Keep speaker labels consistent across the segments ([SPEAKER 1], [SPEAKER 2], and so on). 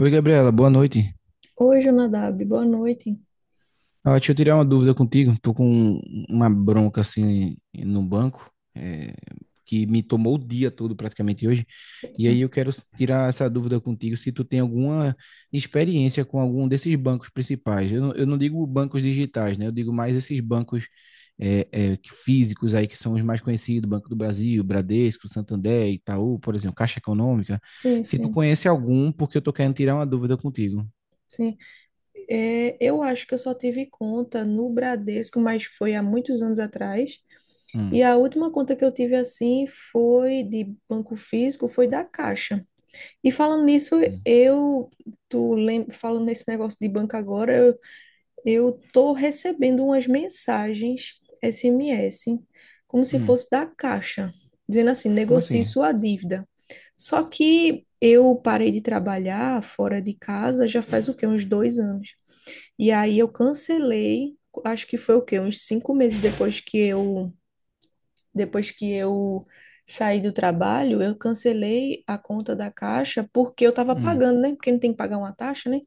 [SPEAKER 1] Oi, Gabriela, boa noite.
[SPEAKER 2] Oi, Jonadab, boa noite.
[SPEAKER 1] Ah, deixa eu tirar uma dúvida contigo. Tô com uma bronca assim no banco, que me tomou o dia todo praticamente hoje. E
[SPEAKER 2] Eita,
[SPEAKER 1] aí eu quero tirar essa dúvida contigo se tu tem alguma experiência com algum desses bancos principais. Eu não digo bancos digitais, né? Eu digo mais esses bancos físicos aí que são os mais conhecidos, Banco do Brasil, Bradesco, Santander, Itaú, por exemplo, Caixa Econômica.
[SPEAKER 2] sim,
[SPEAKER 1] Se tu
[SPEAKER 2] sim,
[SPEAKER 1] conhece algum, porque eu tô querendo tirar uma dúvida contigo.
[SPEAKER 2] sim. É, eu acho que eu só tive conta no Bradesco, mas foi há muitos anos atrás.
[SPEAKER 1] Hum,
[SPEAKER 2] E a última conta que eu tive assim foi de banco físico, foi da Caixa. E falando nisso,
[SPEAKER 1] sim.
[SPEAKER 2] eu, falando nesse negócio de banco agora, eu tô recebendo umas mensagens SMS, como se
[SPEAKER 1] Hum.
[SPEAKER 2] fosse da Caixa, dizendo assim:
[SPEAKER 1] Como
[SPEAKER 2] negocie
[SPEAKER 1] assim?
[SPEAKER 2] sua dívida. Só que eu parei de trabalhar fora de casa já faz o quê? Uns dois anos. E aí eu cancelei, acho que foi o quê? Uns cinco meses depois que eu saí do trabalho, eu cancelei a conta da Caixa porque eu estava
[SPEAKER 1] Hum.
[SPEAKER 2] pagando, né? Porque não tem que pagar uma taxa, né?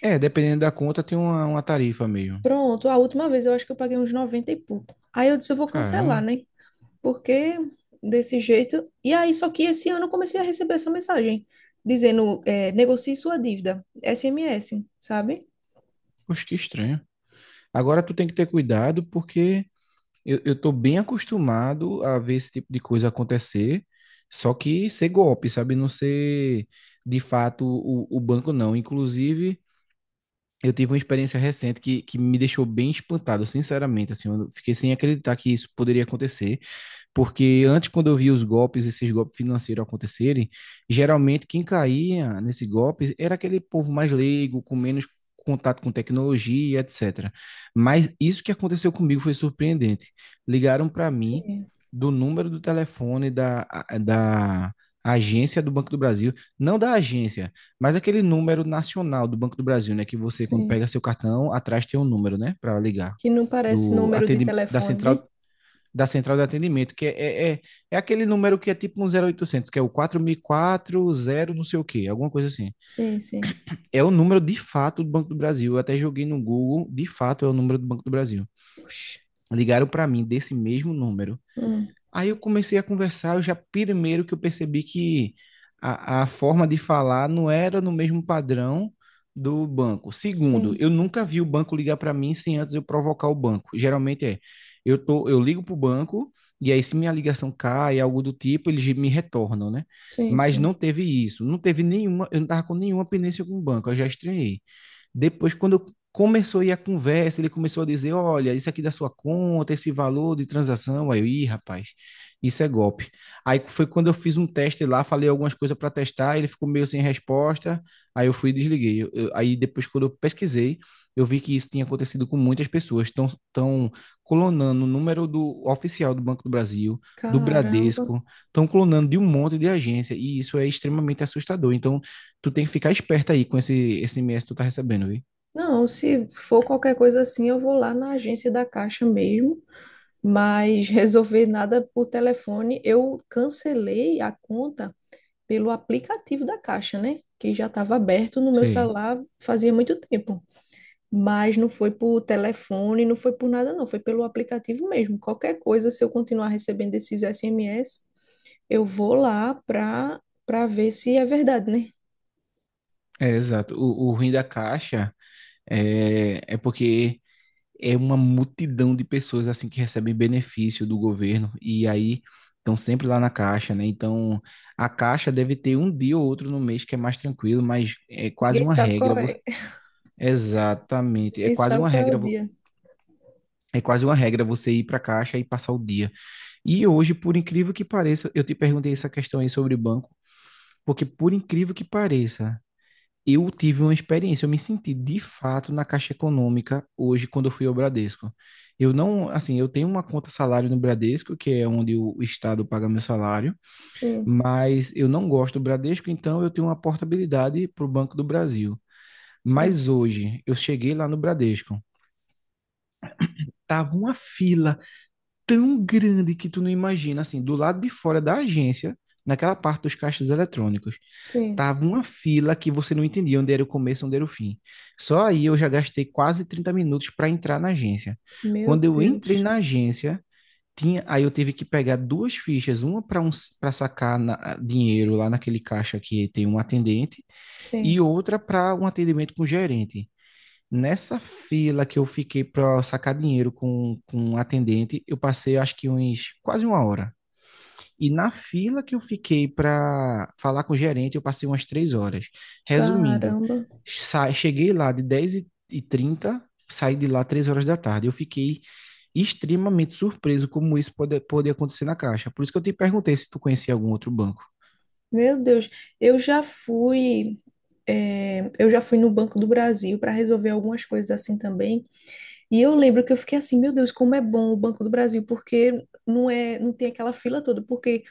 [SPEAKER 1] É, dependendo da conta, tem uma tarifa meio.
[SPEAKER 2] Pronto, a última vez eu acho que eu paguei uns 90 e pouco. Aí eu disse, eu vou cancelar,
[SPEAKER 1] Caramba,
[SPEAKER 2] né? Porque desse jeito. E aí, só que esse ano eu comecei a receber essa mensagem dizendo, é, negocie sua dívida, SMS, sabe?
[SPEAKER 1] poxa, que estranho. Agora tu tem que ter cuidado porque eu tô bem acostumado a ver esse tipo de coisa acontecer, só que ser golpe, sabe? Não ser de fato o banco, não. Inclusive, eu tive uma experiência recente que me deixou bem espantado, sinceramente, assim, eu fiquei sem acreditar que isso poderia acontecer. Porque antes, quando eu via os golpes, esses golpes financeiros acontecerem, geralmente quem caía nesse golpe era aquele povo mais leigo, com menos contato com tecnologia, etc. Mas isso que aconteceu comigo foi surpreendente. Ligaram para mim
[SPEAKER 2] Sim,
[SPEAKER 1] do número do telefone da agência do Banco do Brasil, não da agência, mas aquele número nacional do Banco do Brasil, né? Que você, quando
[SPEAKER 2] sim.
[SPEAKER 1] pega seu cartão, atrás tem um número, né? Para ligar.
[SPEAKER 2] Que não parece
[SPEAKER 1] Do,
[SPEAKER 2] número de
[SPEAKER 1] atendi, da
[SPEAKER 2] telefone, né?
[SPEAKER 1] central da central de atendimento, que é, é é aquele número que é tipo um 0800 que é o 4040 não sei o quê, alguma coisa assim.
[SPEAKER 2] Sim.
[SPEAKER 1] É o número de fato do Banco do Brasil. Eu até joguei no Google, de fato é o número do Banco do Brasil.
[SPEAKER 2] Oxi.
[SPEAKER 1] Ligaram para mim desse mesmo número.
[SPEAKER 2] Hum,
[SPEAKER 1] Aí eu comecei a conversar, eu já primeiro que eu percebi que a forma de falar não era no mesmo padrão do banco. Segundo,
[SPEAKER 2] sim,
[SPEAKER 1] eu nunca vi o banco ligar para mim sem antes eu provocar o banco. Geralmente é, eu ligo para o banco e aí se minha ligação cai, algo do tipo, eles me retornam, né?
[SPEAKER 2] sim,
[SPEAKER 1] Mas
[SPEAKER 2] sim.
[SPEAKER 1] não teve isso, não teve nenhuma, eu não tava com nenhuma pendência com o banco, eu já estranhei. Depois, quando começou a ir a conversa, ele começou a dizer: Olha, isso aqui da sua conta, esse valor de transação. Aí eu, ih, rapaz, isso é golpe. Aí foi quando eu fiz um teste lá, falei algumas coisas para testar, ele ficou meio sem resposta. Aí eu fui e desliguei. Aí depois, quando eu pesquisei, eu vi que isso tinha acontecido com muitas pessoas. Estão estão tão clonando o número do oficial do Banco do Brasil, do
[SPEAKER 2] Caramba.
[SPEAKER 1] Bradesco, estão clonando de um monte de agência, e isso é extremamente assustador. Então, tu tem que ficar esperto aí com esse SMS que tu tá recebendo, viu?
[SPEAKER 2] Não, se for qualquer coisa assim, eu vou lá na agência da Caixa mesmo, mas resolver nada por telefone. Eu cancelei a conta pelo aplicativo da Caixa, né? Que já estava aberto no meu
[SPEAKER 1] Sim,
[SPEAKER 2] celular fazia muito tempo. Mas não foi por telefone, não foi por nada, não. Foi pelo aplicativo mesmo. Qualquer coisa, se eu continuar recebendo esses SMS, eu vou lá para ver se é verdade, né?
[SPEAKER 1] é exato. O ruim da caixa é, é porque é uma multidão de pessoas assim que recebem benefício do governo e aí estão sempre lá na caixa, né? Então a caixa deve ter um dia ou outro no mês que é mais tranquilo, mas é quase
[SPEAKER 2] Ninguém
[SPEAKER 1] uma
[SPEAKER 2] sabe
[SPEAKER 1] regra.
[SPEAKER 2] qual é.
[SPEAKER 1] Exatamente, é
[SPEAKER 2] Ninguém
[SPEAKER 1] quase
[SPEAKER 2] sabe
[SPEAKER 1] uma
[SPEAKER 2] qual é
[SPEAKER 1] regra,
[SPEAKER 2] o dia.
[SPEAKER 1] é quase uma regra você ir para a caixa e passar o dia. E hoje, por incrível que pareça, eu te perguntei essa questão aí sobre banco, porque por incrível que pareça eu tive uma experiência, eu me senti de fato na Caixa Econômica hoje quando eu fui ao Bradesco. Eu não, assim, eu tenho uma conta salário no Bradesco, que é onde o Estado paga meu salário,
[SPEAKER 2] Sim,
[SPEAKER 1] mas eu não gosto do Bradesco, então eu tenho uma portabilidade para o Banco do Brasil.
[SPEAKER 2] sim,
[SPEAKER 1] Mas hoje eu cheguei lá no Bradesco, tava uma fila tão grande que tu não imagina, assim, do lado de fora da agência, naquela parte dos caixas eletrônicos.
[SPEAKER 2] sim.
[SPEAKER 1] Tava uma fila que você não entendia onde era o começo, onde era o fim. Só aí eu já gastei quase 30 minutos para entrar na agência.
[SPEAKER 2] Meu
[SPEAKER 1] Quando eu entrei
[SPEAKER 2] Deus.
[SPEAKER 1] na agência, tinha, aí eu tive que pegar duas fichas, uma para um, para sacar dinheiro lá naquele caixa que tem um atendente e
[SPEAKER 2] Sim.
[SPEAKER 1] outra para um atendimento com o gerente. Nessa fila que eu fiquei para sacar dinheiro com um atendente, eu passei acho que uns quase 1 hora. E na fila que eu fiquei para falar com o gerente, eu passei umas 3 horas. Resumindo,
[SPEAKER 2] Caramba.
[SPEAKER 1] cheguei lá de 10h30, saí de lá 3 horas da tarde. Eu fiquei extremamente surpreso como isso pode, pode acontecer na Caixa. Por isso que eu te perguntei se tu conhecia algum outro banco.
[SPEAKER 2] Meu Deus, eu já fui, eu já fui no Banco do Brasil para resolver algumas coisas assim também. E eu lembro que eu fiquei assim, meu Deus, como é bom o Banco do Brasil, porque não é, não tem aquela fila toda. Porque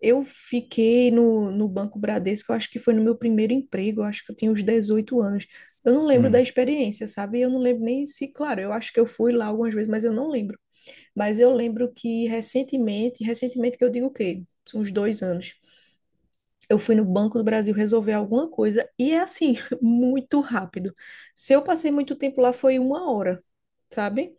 [SPEAKER 2] eu fiquei no Banco Bradesco, eu acho que foi no meu primeiro emprego, eu acho que eu tinha uns 18 anos. Eu não lembro da
[SPEAKER 1] Hum,
[SPEAKER 2] experiência, sabe? Eu não lembro nem se, claro, eu acho que eu fui lá algumas vezes, mas eu não lembro. Mas eu lembro que recentemente, recentemente que eu digo o quê? Uns dois anos. Eu fui no Banco do Brasil resolver alguma coisa e é assim, muito rápido. Se eu passei muito tempo lá, foi uma hora, sabe?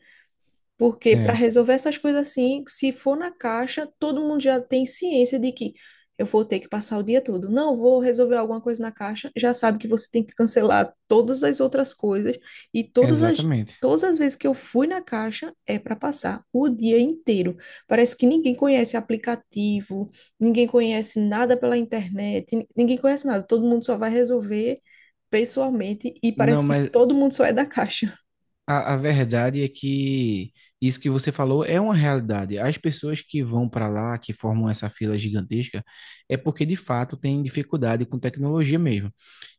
[SPEAKER 2] Porque para
[SPEAKER 1] é,
[SPEAKER 2] resolver essas coisas assim, se for na caixa, todo mundo já tem ciência de que eu vou ter que passar o dia todo. Não vou resolver alguma coisa na caixa, já sabe que você tem que cancelar todas as outras coisas e todas as
[SPEAKER 1] exatamente.
[SPEAKER 2] todas as vezes que eu fui na caixa é para passar o dia inteiro. Parece que ninguém conhece aplicativo, ninguém conhece nada pela internet, ninguém conhece nada. Todo mundo só vai resolver pessoalmente e
[SPEAKER 1] Não,
[SPEAKER 2] parece que
[SPEAKER 1] mas
[SPEAKER 2] todo mundo só é da caixa.
[SPEAKER 1] a verdade é que isso que você falou é uma realidade. As pessoas que vão para lá, que formam essa fila gigantesca, é porque de fato tem dificuldade com tecnologia mesmo.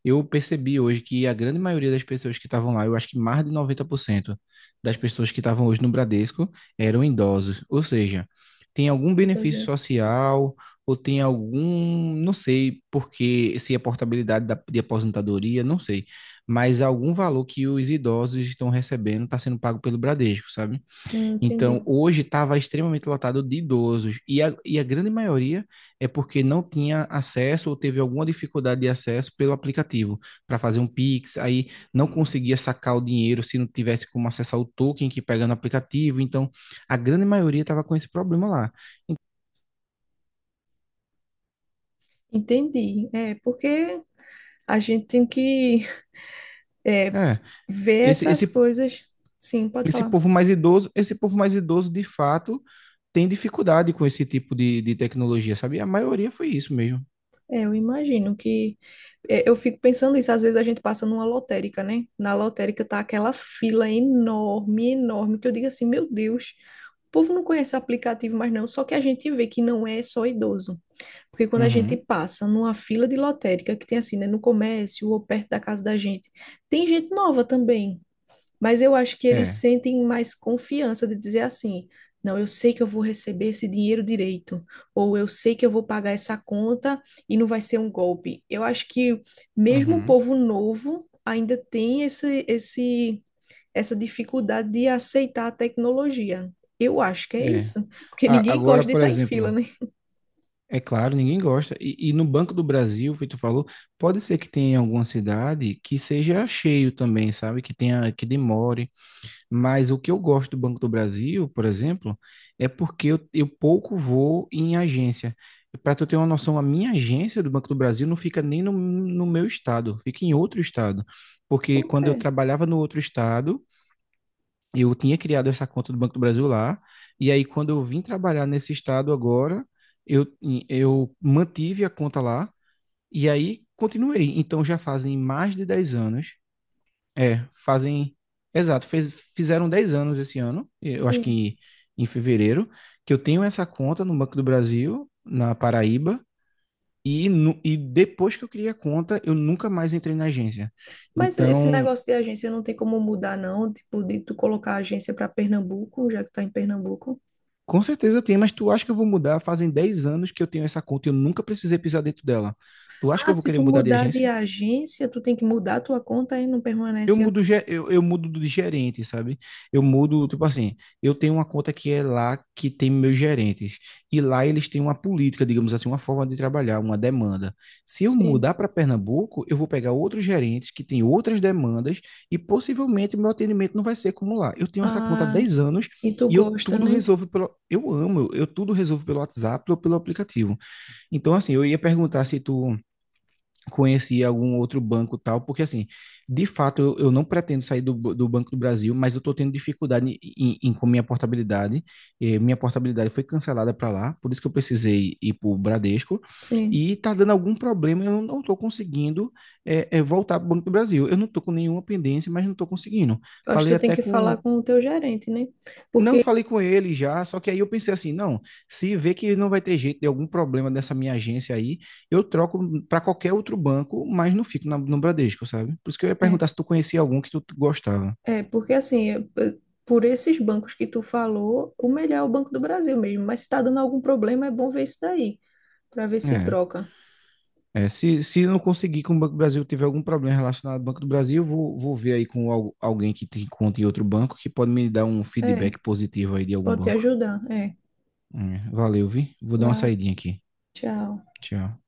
[SPEAKER 1] Eu percebi hoje que a grande maioria das pessoas que estavam lá, eu acho que mais de 90% das pessoas que estavam hoje no Bradesco eram idosos. Ou seja, tem algum
[SPEAKER 2] Muita
[SPEAKER 1] benefício
[SPEAKER 2] gente.
[SPEAKER 1] social ou tem algum, não sei porque, se é portabilidade de aposentadoria, não sei mas algum valor que os idosos estão recebendo está sendo pago pelo Bradesco, sabe? Então,
[SPEAKER 2] Entendi.
[SPEAKER 1] hoje estava extremamente lotado de idosos e a grande maioria é porque não tinha acesso ou teve alguma dificuldade de acesso pelo aplicativo para fazer um Pix, aí não conseguia sacar o dinheiro se não tivesse como acessar o token que pega no aplicativo. Então, a grande maioria estava com esse problema lá.
[SPEAKER 2] Entendi. É, porque a gente tem que, é,
[SPEAKER 1] É,
[SPEAKER 2] ver
[SPEAKER 1] esse, esse,
[SPEAKER 2] essas coisas. Sim, pode
[SPEAKER 1] esse
[SPEAKER 2] falar.
[SPEAKER 1] povo mais idoso, esse povo mais idoso, de fato, tem dificuldade com esse tipo de tecnologia, sabe? A maioria foi isso mesmo.
[SPEAKER 2] É, eu imagino que. É, eu fico pensando isso, às vezes a gente passa numa lotérica, né? Na lotérica tá aquela fila enorme, enorme, que eu digo assim, meu Deus, o povo não conhece aplicativo mais não, só que a gente vê que não é só idoso. Porque quando a gente
[SPEAKER 1] Uhum,
[SPEAKER 2] passa numa fila de lotérica, que tem assim, né, no comércio ou perto da casa da gente, tem gente nova também. Mas eu acho que eles
[SPEAKER 1] é,
[SPEAKER 2] sentem mais confiança de dizer assim: não, eu sei que eu vou receber esse dinheiro direito, ou eu sei que eu vou pagar essa conta e não vai ser um golpe. Eu acho que mesmo o
[SPEAKER 1] uhum.
[SPEAKER 2] povo novo ainda tem essa dificuldade de aceitar a tecnologia. Eu acho que é
[SPEAKER 1] É.
[SPEAKER 2] isso, porque ninguém
[SPEAKER 1] Agora,
[SPEAKER 2] gosta de
[SPEAKER 1] por
[SPEAKER 2] estar em fila,
[SPEAKER 1] exemplo,
[SPEAKER 2] né?
[SPEAKER 1] é claro, ninguém gosta. E no Banco do Brasil, o feito tu falou, pode ser que tenha alguma cidade que seja cheio também, sabe? Que tenha, que demore. Mas o que eu gosto do Banco do Brasil, por exemplo, é porque eu pouco vou em agência. Para tu ter uma noção, a minha agência do Banco do Brasil não fica nem no meu estado, fica em outro estado. Porque
[SPEAKER 2] Por
[SPEAKER 1] quando eu
[SPEAKER 2] quê?
[SPEAKER 1] trabalhava no outro estado, eu tinha criado essa conta do Banco do Brasil lá, e aí quando eu vim trabalhar nesse estado agora, eu, eu mantive a conta lá, e aí continuei. Então já fazem mais de 10 anos, é, fazem. Exato, fizeram 10 anos esse ano, eu acho
[SPEAKER 2] Sim.
[SPEAKER 1] que em fevereiro, que eu tenho essa conta no Banco do Brasil, na Paraíba, e depois que eu criei a conta, eu nunca mais entrei na agência.
[SPEAKER 2] Mas esse
[SPEAKER 1] Então,
[SPEAKER 2] negócio de agência não tem como mudar, não? Tipo, de tu colocar a agência para Pernambuco, já que tu tá em Pernambuco.
[SPEAKER 1] com certeza tem, mas tu acha que eu vou mudar? Fazem 10 anos que eu tenho essa conta e eu nunca precisei pisar dentro dela. Tu acha que
[SPEAKER 2] Ah,
[SPEAKER 1] eu vou
[SPEAKER 2] se
[SPEAKER 1] querer
[SPEAKER 2] tu
[SPEAKER 1] mudar de
[SPEAKER 2] mudar de
[SPEAKER 1] agência?
[SPEAKER 2] agência, tu tem que mudar a tua conta e não
[SPEAKER 1] Eu
[SPEAKER 2] permanece a...
[SPEAKER 1] mudo, eu mudo de gerente, sabe? Eu mudo, tipo assim, eu tenho uma conta que é lá que tem meus gerentes. E lá eles têm uma política, digamos assim, uma forma de trabalhar, uma demanda. Se eu
[SPEAKER 2] Sim.
[SPEAKER 1] mudar para Pernambuco, eu vou pegar outros gerentes que têm outras demandas e possivelmente meu atendimento não vai ser como lá. Eu tenho essa conta há
[SPEAKER 2] Ah,
[SPEAKER 1] 10 anos
[SPEAKER 2] e tu
[SPEAKER 1] e eu
[SPEAKER 2] gosta,
[SPEAKER 1] tudo
[SPEAKER 2] né?
[SPEAKER 1] resolvo pelo. Eu amo, eu tudo resolvo pelo WhatsApp ou pelo aplicativo. Então, assim, eu ia perguntar se tu conhecia algum outro banco tal, porque assim, de fato, eu não pretendo sair do Banco do Brasil, mas eu estou tendo dificuldade em, com minha portabilidade. Eh, minha portabilidade foi cancelada para lá, por isso que eu precisei ir para o Bradesco,
[SPEAKER 2] Sim.
[SPEAKER 1] e está dando algum problema, eu não estou conseguindo voltar para o Banco do Brasil. Eu não estou com nenhuma pendência, mas não estou conseguindo.
[SPEAKER 2] Eu acho
[SPEAKER 1] Falei
[SPEAKER 2] que tu tem
[SPEAKER 1] até
[SPEAKER 2] que falar
[SPEAKER 1] com,
[SPEAKER 2] com o teu gerente, né?
[SPEAKER 1] não
[SPEAKER 2] Porque
[SPEAKER 1] falei com ele já, só que aí eu pensei assim, não, se vê que não vai ter jeito de algum problema dessa minha agência aí, eu troco para qualquer outro banco, mas não fico no Bradesco, sabe? Por isso que eu ia
[SPEAKER 2] é,
[SPEAKER 1] perguntar se tu conhecia algum que tu gostava.
[SPEAKER 2] é, porque assim, por esses bancos que tu falou, o melhor é o Banco do Brasil mesmo. Mas se tá dando algum problema, é bom ver isso daí, para ver se
[SPEAKER 1] É,
[SPEAKER 2] troca.
[SPEAKER 1] é se, se não conseguir com o Banco do Brasil tiver algum problema relacionado ao Banco do Brasil, eu vou, vou ver aí com alguém que tem conta em outro banco que pode me dar um
[SPEAKER 2] É,
[SPEAKER 1] feedback positivo aí de algum
[SPEAKER 2] pode te
[SPEAKER 1] banco.
[SPEAKER 2] ajudar. É,
[SPEAKER 1] É, valeu, vi? Vou dar uma
[SPEAKER 2] vai,
[SPEAKER 1] saidinha aqui.
[SPEAKER 2] tchau.
[SPEAKER 1] Tchau.